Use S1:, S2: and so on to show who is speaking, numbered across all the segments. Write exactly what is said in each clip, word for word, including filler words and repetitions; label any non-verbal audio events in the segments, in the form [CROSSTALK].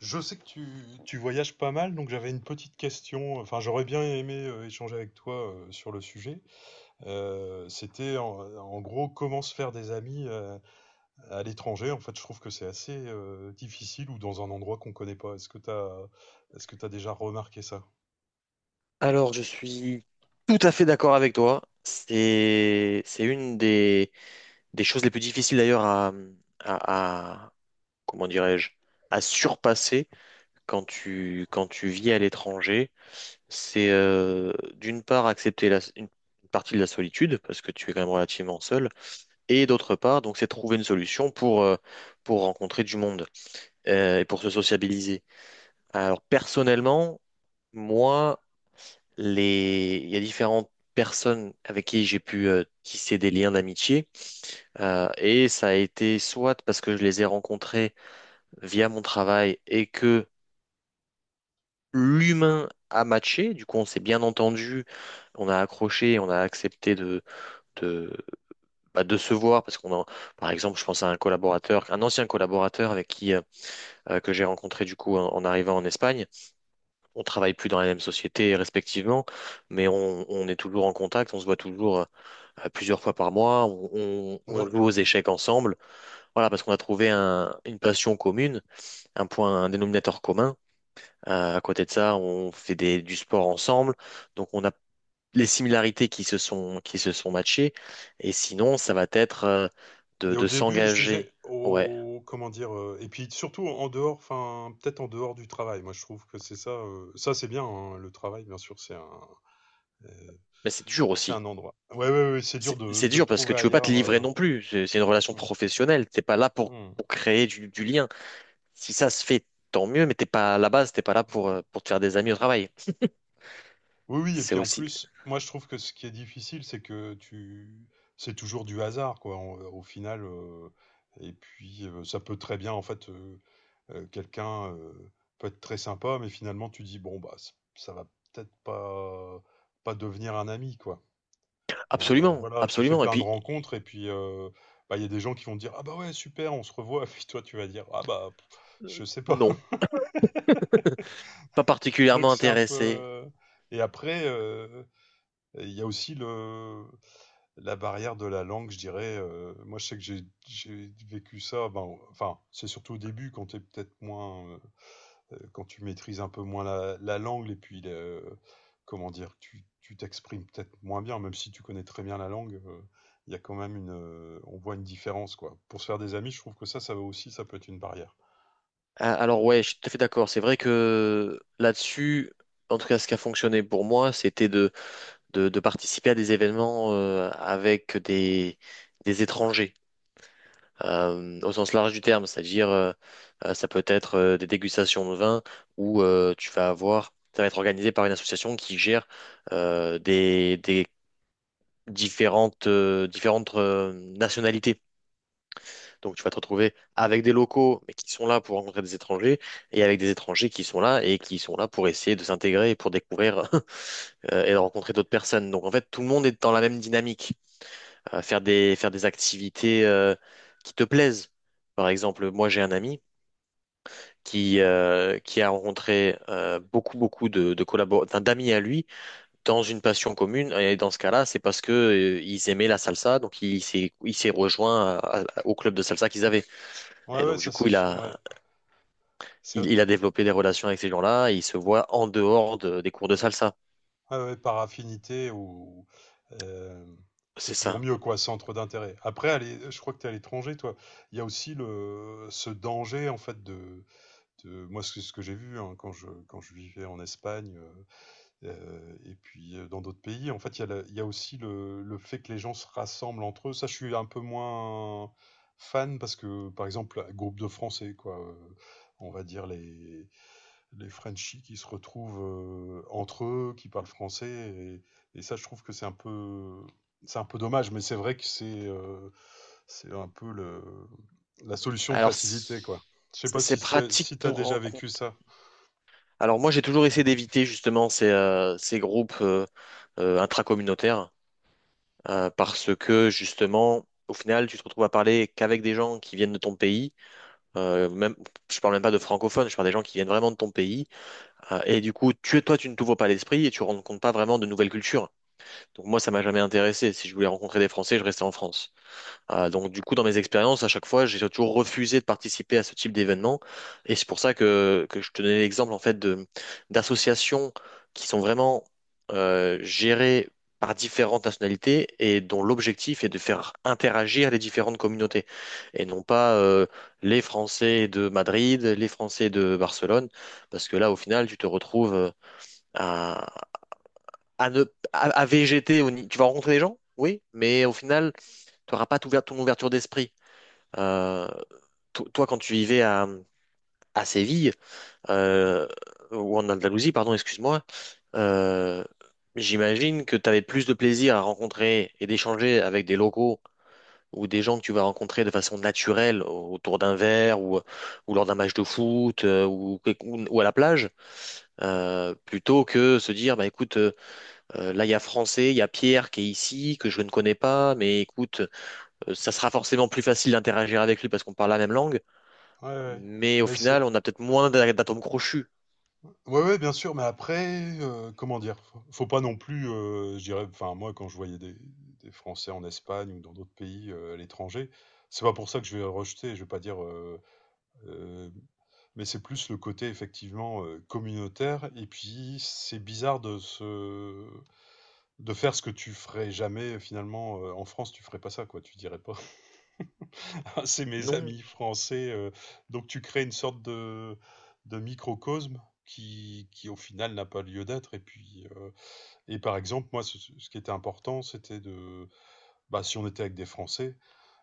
S1: Je sais que tu, tu voyages pas mal, donc j'avais une petite question. Enfin, j'aurais bien aimé euh, échanger avec toi euh, sur le sujet. Euh, c'était en, en gros comment se faire des amis euh, à l'étranger. En fait, je trouve que c'est assez euh, difficile ou dans un endroit qu'on connaît pas. Est-ce que t'as, est-ce que t'as déjà remarqué ça?
S2: Alors, je suis tout à fait d'accord avec toi. C'est c'est une des, des choses les plus difficiles d'ailleurs à, à, à- comment dirais-je à surpasser quand tu quand tu vis à l'étranger. C'est euh, d'une part accepter la, une une partie de la solitude parce que tu es quand même relativement seul, et d'autre part donc c'est trouver une solution pour euh, pour rencontrer du monde, euh, et pour se sociabiliser. Alors personnellement, moi les... il y a différentes personnes avec qui j'ai pu euh, tisser des liens d'amitié. Euh, et ça a été soit parce que je les ai rencontrés via mon travail et que l'humain a matché, du coup on s'est bien entendu, on a accroché, on a accepté de, de, bah, de se voir parce qu'on a... Par exemple, je pense à un collaborateur, un ancien collaborateur avec qui euh, euh, que j'ai rencontré du coup en, en arrivant en Espagne. On travaille plus dans la même société respectivement, mais on, on est toujours en contact, on se voit toujours euh, euh, plusieurs fois par mois. On, on- on
S1: Ouais.
S2: joue aux échecs ensemble. Voilà, parce qu'on a trouvé un- une passion commune, un point, un dénominateur commun. Euh, à côté de ça, on fait des- du sport ensemble. Donc, on a les similarités qui se sont, qui se sont matchées. Et sinon, ça va être euh, de,
S1: Mais au
S2: de
S1: début, je
S2: s'engager.
S1: disais,
S2: Ouais,
S1: au comment dire, euh, et puis surtout en dehors, enfin, peut-être en dehors du travail. Moi, je trouve que c'est ça, euh, ça c'est bien, hein, le travail, bien sûr, c'est un, euh,
S2: mais c'est dur
S1: c'est
S2: aussi.
S1: un endroit. Ouais, ouais, ouais, c'est
S2: C'est
S1: dur de,
S2: c'est
S1: de
S2: dur parce que
S1: trouver
S2: tu veux pas te
S1: ailleurs.
S2: livrer
S1: euh.
S2: non plus. C'est c'est une relation
S1: Hmm,
S2: professionnelle. T'es pas là pour,
S1: hmm.
S2: pour créer du, du lien. Si ça se fait, tant mieux, mais t'es pas à la base, t'es pas là pour, euh, pour te faire des amis au travail.
S1: Oui, oui, et
S2: C'est
S1: puis en
S2: aussi,
S1: plus, moi je trouve que ce qui est difficile, c'est que tu, c'est toujours du hasard, quoi, en- au final. Euh, et puis euh, ça peut très bien, en fait, euh, euh, quelqu'un euh, peut être très sympa, mais finalement tu dis bon bah c- ça va peut-être pas pas devenir un ami, quoi. Euh,
S2: absolument,
S1: voilà, tu fais
S2: absolument. Et
S1: plein de
S2: puis,
S1: rencontres et puis euh, bah, il y a des gens qui vont te dire ah bah ouais super, on se revoit. [LAUGHS] Puis toi tu vas dire ah bah pff, je sais pas.
S2: non, pas
S1: Donc
S2: particulièrement
S1: c'est un
S2: intéressé.
S1: peu. Et après, euh, il y a aussi le, la barrière de la langue, je dirais. Euh, moi, je sais que j'ai j'ai vécu ça. Ben, enfin, c'est surtout au début, quand t'es peut-être moins, euh, euh, quand tu maîtrises un peu moins la, la langue, et puis, euh, comment dire, tu tu t'exprimes peut-être moins bien, même si tu connais très bien la langue. euh, Il y a quand même une, euh, on voit une différence, quoi. Pour se faire des amis, je trouve que ça, ça va aussi, ça peut être une barrière.
S2: Ah, Alors, ouais, je suis tout à fait d'accord. C'est vrai que là-dessus, en tout cas, ce qui a fonctionné pour moi, c'était de, de, de participer à des événements euh, avec des, des étrangers, euh, au sens large du terme. C'est-à-dire, euh, euh, ça peut être euh, des dégustations de vin où euh, tu vas avoir, ça va être organisé par une association qui gère euh, des, des différentes, euh, différentes euh, nationalités. Donc tu vas te retrouver avec des locaux, mais qui sont là pour rencontrer des étrangers, et avec des étrangers qui sont là et qui sont là pour essayer de s'intégrer et pour découvrir [LAUGHS] euh, et de rencontrer d'autres personnes. Donc en fait, tout le monde est dans la même dynamique. Euh, faire des, faire des activités euh, qui te plaisent. Par exemple, moi j'ai un ami qui, euh, qui a rencontré euh, beaucoup, beaucoup de, de collabora- enfin, d'amis à lui dans une passion commune. Et dans ce cas-là, c'est parce que euh, ils aimaient la salsa, donc il s'est, il s'est rejoint à- à- au club de salsa qu'ils avaient.
S1: Ouais,
S2: Et
S1: ouais,
S2: donc,
S1: ça
S2: du coup,
S1: c'est,
S2: il
S1: su- ouais,
S2: a,
S1: ça.
S2: il, il a développé des relations avec ces gens-là et il se voit en dehors de- des cours de salsa.
S1: Ouais, ouais, par affinité ou hem, c'est
S2: C'est
S1: toujours
S2: ça.
S1: mieux quoi, centre d'intérêt. Après à l'é je crois que tu es à l'étranger toi. Il y a aussi le ce danger en fait de de moi c'est ce que j'ai vu, hein, quand je quand je vivais en Espagne, heu heu et puis, heu, dans d'autres pays. En fait, il y a le il y a aussi le le fait que les gens se rassemblent entre eux. Ça, je suis un peu moins fan parce que, par exemple, groupe de Français quoi, heu, on va dire les les Frenchies qui se retrouvent euh, entre eux, qui parlent français. Et, et ça, je trouve que c'est un peu, c'est un peu dommage, mais c'est vrai que c'est euh, c'est un peu le, la solution de
S2: Alors,
S1: facilité, quoi. Je sais
S2: c'est
S1: pas
S2: c'est
S1: si c'est,
S2: pratique
S1: si t'as
S2: pour
S1: déjà
S2: rencontre.
S1: vécu ça.
S2: Alors, moi, j'ai toujours essayé d'éviter justement ces, euh, ces groupes euh, euh, intracommunautaires, euh, parce que justement, au final, tu te retrouves à parler qu'avec des gens qui viennent de ton pays. Euh, même, je parle même pas de francophones, je parle des gens qui viennent vraiment de ton pays. Euh, et du coup, tu, toi, tu ne t'ouvres pas l'esprit et tu rencontres pas vraiment de nouvelles cultures. Donc, moi, ça m'a jamais intéressé. Si je voulais rencontrer des Français, je restais en France. Ah, donc du coup, dans mes expériences, à chaque fois, j'ai toujours refusé de participer à ce type d'événement. Et c'est pour ça que, que je te donnais l'exemple en fait de d'associations qui sont vraiment euh, gérées par différentes nationalités et dont l'objectif est de faire interagir les différentes communautés et non pas euh, les Français de Madrid, les Français de Barcelone, parce que là, au final, tu te retrouves euh, à, à ne à, à végéter. Au ni- Tu vas rencontrer des gens, oui, mais au final, tu n'auras pas tout ouvert ton ouverture d'esprit. Euh, to- Toi, quand tu vivais à, à Séville, euh, ou en Andalousie, pardon, excuse-moi, euh, j'imagine que tu avais plus de plaisir à rencontrer et d'échanger avec des locaux ou des gens que tu vas rencontrer de façon naturelle au- autour d'un verre ou, ou lors d'un match de foot euh, ou, ou- ou à la plage, euh, plutôt que se dire, bah, écoute, euh, euh, là, il y a Français, il y a Pierre qui est ici, que je ne connais pas, mais écoute, euh, ça sera forcément plus facile d'interagir avec lui parce qu'on parle la même langue.
S1: Ouais, ouais. Ouais.
S2: Mais au
S1: Mais c'est,
S2: final, on a peut-être moins d'a- d'atomes crochus.
S1: ouais, ouais, bien sûr. Mais après, euh, comment dire, faut faut pas non plus, euh, je dirais, enfin moi, quand je voyais des, des Français en Espagne ou dans d'autres pays euh, à l'étranger, c'est pas pour ça que je vais rejeter. Je vais pas dire. euh, euh, Mais c'est plus le côté effectivement euh, communautaire et puis c'est bizarre de se de faire ce que tu ferais jamais euh, finalement euh, en France, tu ferais pas ça quoi, tu dirais pas [LAUGHS] ah, c'est mes
S2: Non,
S1: amis français euh. Donc tu crées une sorte de de microcosme qui qui au final n'a pas lieu d'être et puis euh, et par exemple moi ce, ce qui était important c'était de bah si on était avec des Français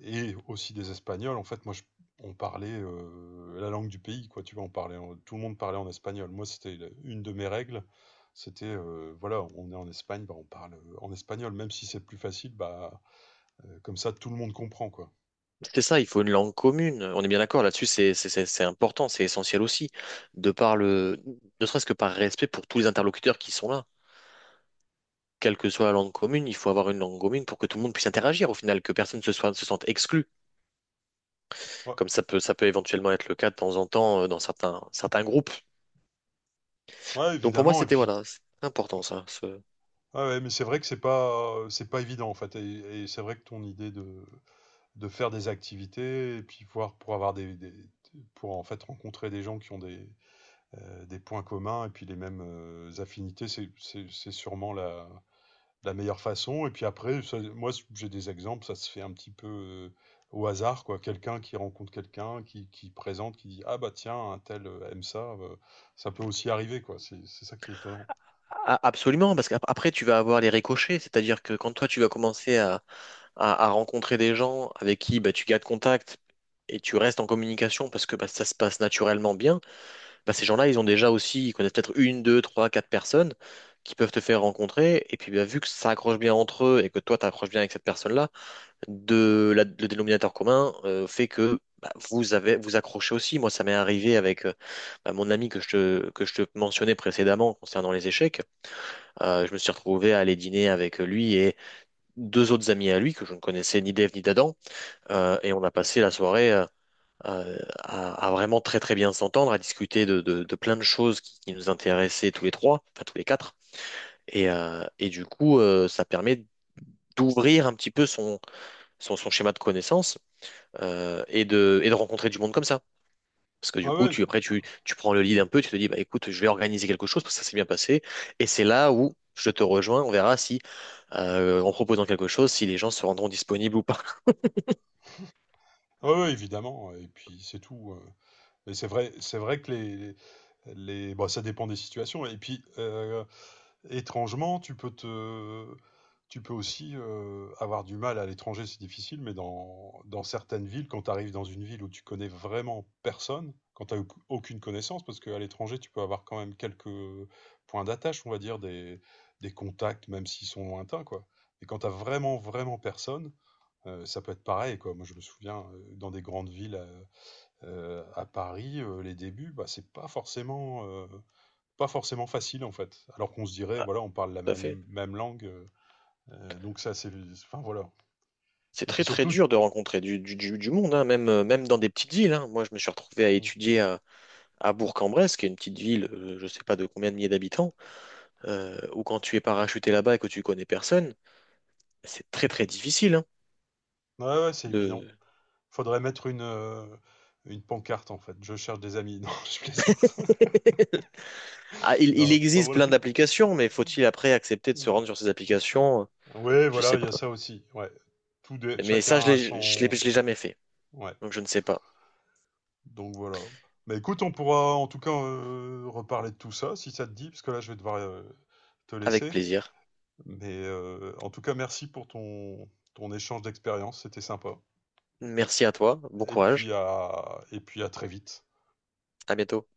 S1: et aussi des Espagnols. En fait, moi, je- on parlait euh, la langue du pays, quoi. Tu vois, on parlait, en- tout le monde parlait en espagnol. Moi, c'était la- une de mes règles. C'était, euh, voilà, on est en Espagne, bah, on parle euh, en espagnol, même si c'est plus facile. Bah, euh, comme ça, tout le monde comprend, quoi.
S2: c'est ça, il faut une langue commune. On est bien d'accord là-dessus, c'est c'est- c'est- c'est important, c'est essentiel aussi, de par le, ne serait-ce que par respect pour tous les interlocuteurs qui sont là. Quelle que soit la langue commune, il faut avoir une langue commune pour que tout le monde puisse interagir au final, que personne ne se soit, se sente exclu.
S1: Ouais,
S2: Comme ça peut, ça peut éventuellement être le cas de temps en temps euh, dans certains, certains groupes.
S1: ouais,
S2: Donc pour moi,
S1: évidemment. Et
S2: c'était
S1: puis,
S2: voilà, c'est important ça. ce-
S1: ah ouais, mais c'est vrai que c'est pas, c'est pas évident, en fait. Et, et c'est vrai que ton idée de, de faire des activités et puis voir pour avoir des, des- pour en fait rencontrer des gens qui ont des euh, des points communs et puis les mêmes euh, affinités, c'est c'est- c'est sûrement la, la meilleure façon. Et puis après, ça. Moi j'ai des exemples, ça se fait un petit peu euh, au hasard, quoi. Quelqu'un qui rencontre quelqu'un, qui, qui présente, qui dit ah bah tiens, un tel euh, aime ça, euh, ça peut aussi arriver, quoi. C'est c'est ça qui est étonnant.
S2: A- absolument, parce qu'après, tu vas avoir les ricochets, c'est-à-dire que quand toi, tu vas commencer à, à- à rencontrer des gens avec qui bah, tu gardes contact et tu restes en communication parce que bah, ça se passe naturellement bien, bah, ces gens-là, ils ont déjà aussi, ils connaissent peut-être une, deux, trois, quatre personnes qui peuvent te faire rencontrer. Et puis bah, vu que ça accroche bien entre eux et que toi, tu accroches bien avec cette personne-là, de la- le dénominateur commun euh, fait que bah, vous avez vous accrochez aussi. Moi, ça m'est arrivé avec euh, bah, mon ami que je te, que je te mentionnais précédemment concernant les échecs. Euh, je me suis retrouvé à aller dîner avec lui et deux autres amis à lui que je ne connaissais ni d'Ève ni d'Adam. Euh, et on a passé la soirée, euh, euh, à, à vraiment très très bien s'entendre, à discuter de, de, de plein de choses qui, qui nous intéressaient tous les trois, enfin tous les quatre. Et, euh, et du coup, euh, ça permet d'ouvrir un petit peu son, son, son schéma de connaissances, euh, et de, et de rencontrer du monde comme ça. Parce que du
S1: Ah
S2: coup,
S1: oui,
S2: tu, après, tu, tu prends le lead un peu, tu te dis, bah écoute, je vais organiser quelque chose parce que ça s'est bien passé. Et c'est là où je te rejoins, on verra si, euh, en proposant quelque chose, si les gens se rendront disponibles ou pas. [LAUGHS]
S1: ah ouais, évidemment. Et puis c'est tout. euh. Mais c'est vrai, c'est vrai que les, les, bon, ça dépend des situations. Et puis euh, étrangement, tu peux te, tu peux aussi euh, avoir du mal à l'étranger, c'est difficile, mais dans, dans certaines villes, quand tu arrives dans une ville où tu connais vraiment personne, quand tu n'as aucune connaissance, parce qu'à l'étranger, tu peux avoir quand même quelques points d'attache, on va dire, des, des contacts, même s'ils sont lointains, quoi. Et quand tu as vraiment, vraiment personne, euh, ça peut être pareil, quoi. Moi, je me souviens, euh, dans des grandes villes euh, euh, à Paris, euh, les débuts, bah, c'est pas forcément euh, pas forcément facile en fait. Alors qu'on se dirait,
S2: Ah,
S1: voilà, on parle la
S2: tout à fait.
S1: même, même langue, euh, donc ça c'est, enfin voilà.
S2: C'est
S1: Et puis
S2: très très
S1: surtout,
S2: dur de rencontrer du, du, du- du monde, hein, même, euh, même dans des petites villes, hein. Moi, je me suis retrouvé à
S1: bon,
S2: étudier à, à Bourg-en-Bresse, qui est une petite ville, euh, je sais pas de combien de milliers d'habitants. Euh, ou quand tu es parachuté là-bas et que tu connais personne, c'est très très difficile, hein,
S1: ouais ouais, c'est évident.
S2: de...
S1: Faudrait mettre une euh, une pancarte en fait. Je cherche des amis. [LAUGHS] Non, je plaisante.
S2: [LAUGHS] Ah,
S1: [LAUGHS]
S2: il, il
S1: Non, enfin,
S2: existe
S1: voilà.
S2: plein d'applications, mais faut-il après accepter de se rendre sur ces applications?
S1: Ouais,
S2: Je
S1: voilà,
S2: sais
S1: il y a
S2: pas.
S1: ça aussi. Ouais, tout des-
S2: Mais ça, je
S1: chacun a
S2: l'ai, je
S1: son,
S2: l'ai, je l'ai jamais fait,
S1: ouais.
S2: donc je ne sais pas.
S1: Donc voilà. Bah écoute, on pourra en tout cas euh, reparler de tout ça si ça te dit, parce que là je vais devoir euh, te
S2: Avec
S1: laisser.
S2: plaisir.
S1: Mais euh, en tout cas, merci pour ton, ton échange d'expérience, c'était sympa.
S2: Merci à toi, bon
S1: Et puis
S2: courage,
S1: à, et puis à très vite.
S2: à bientôt.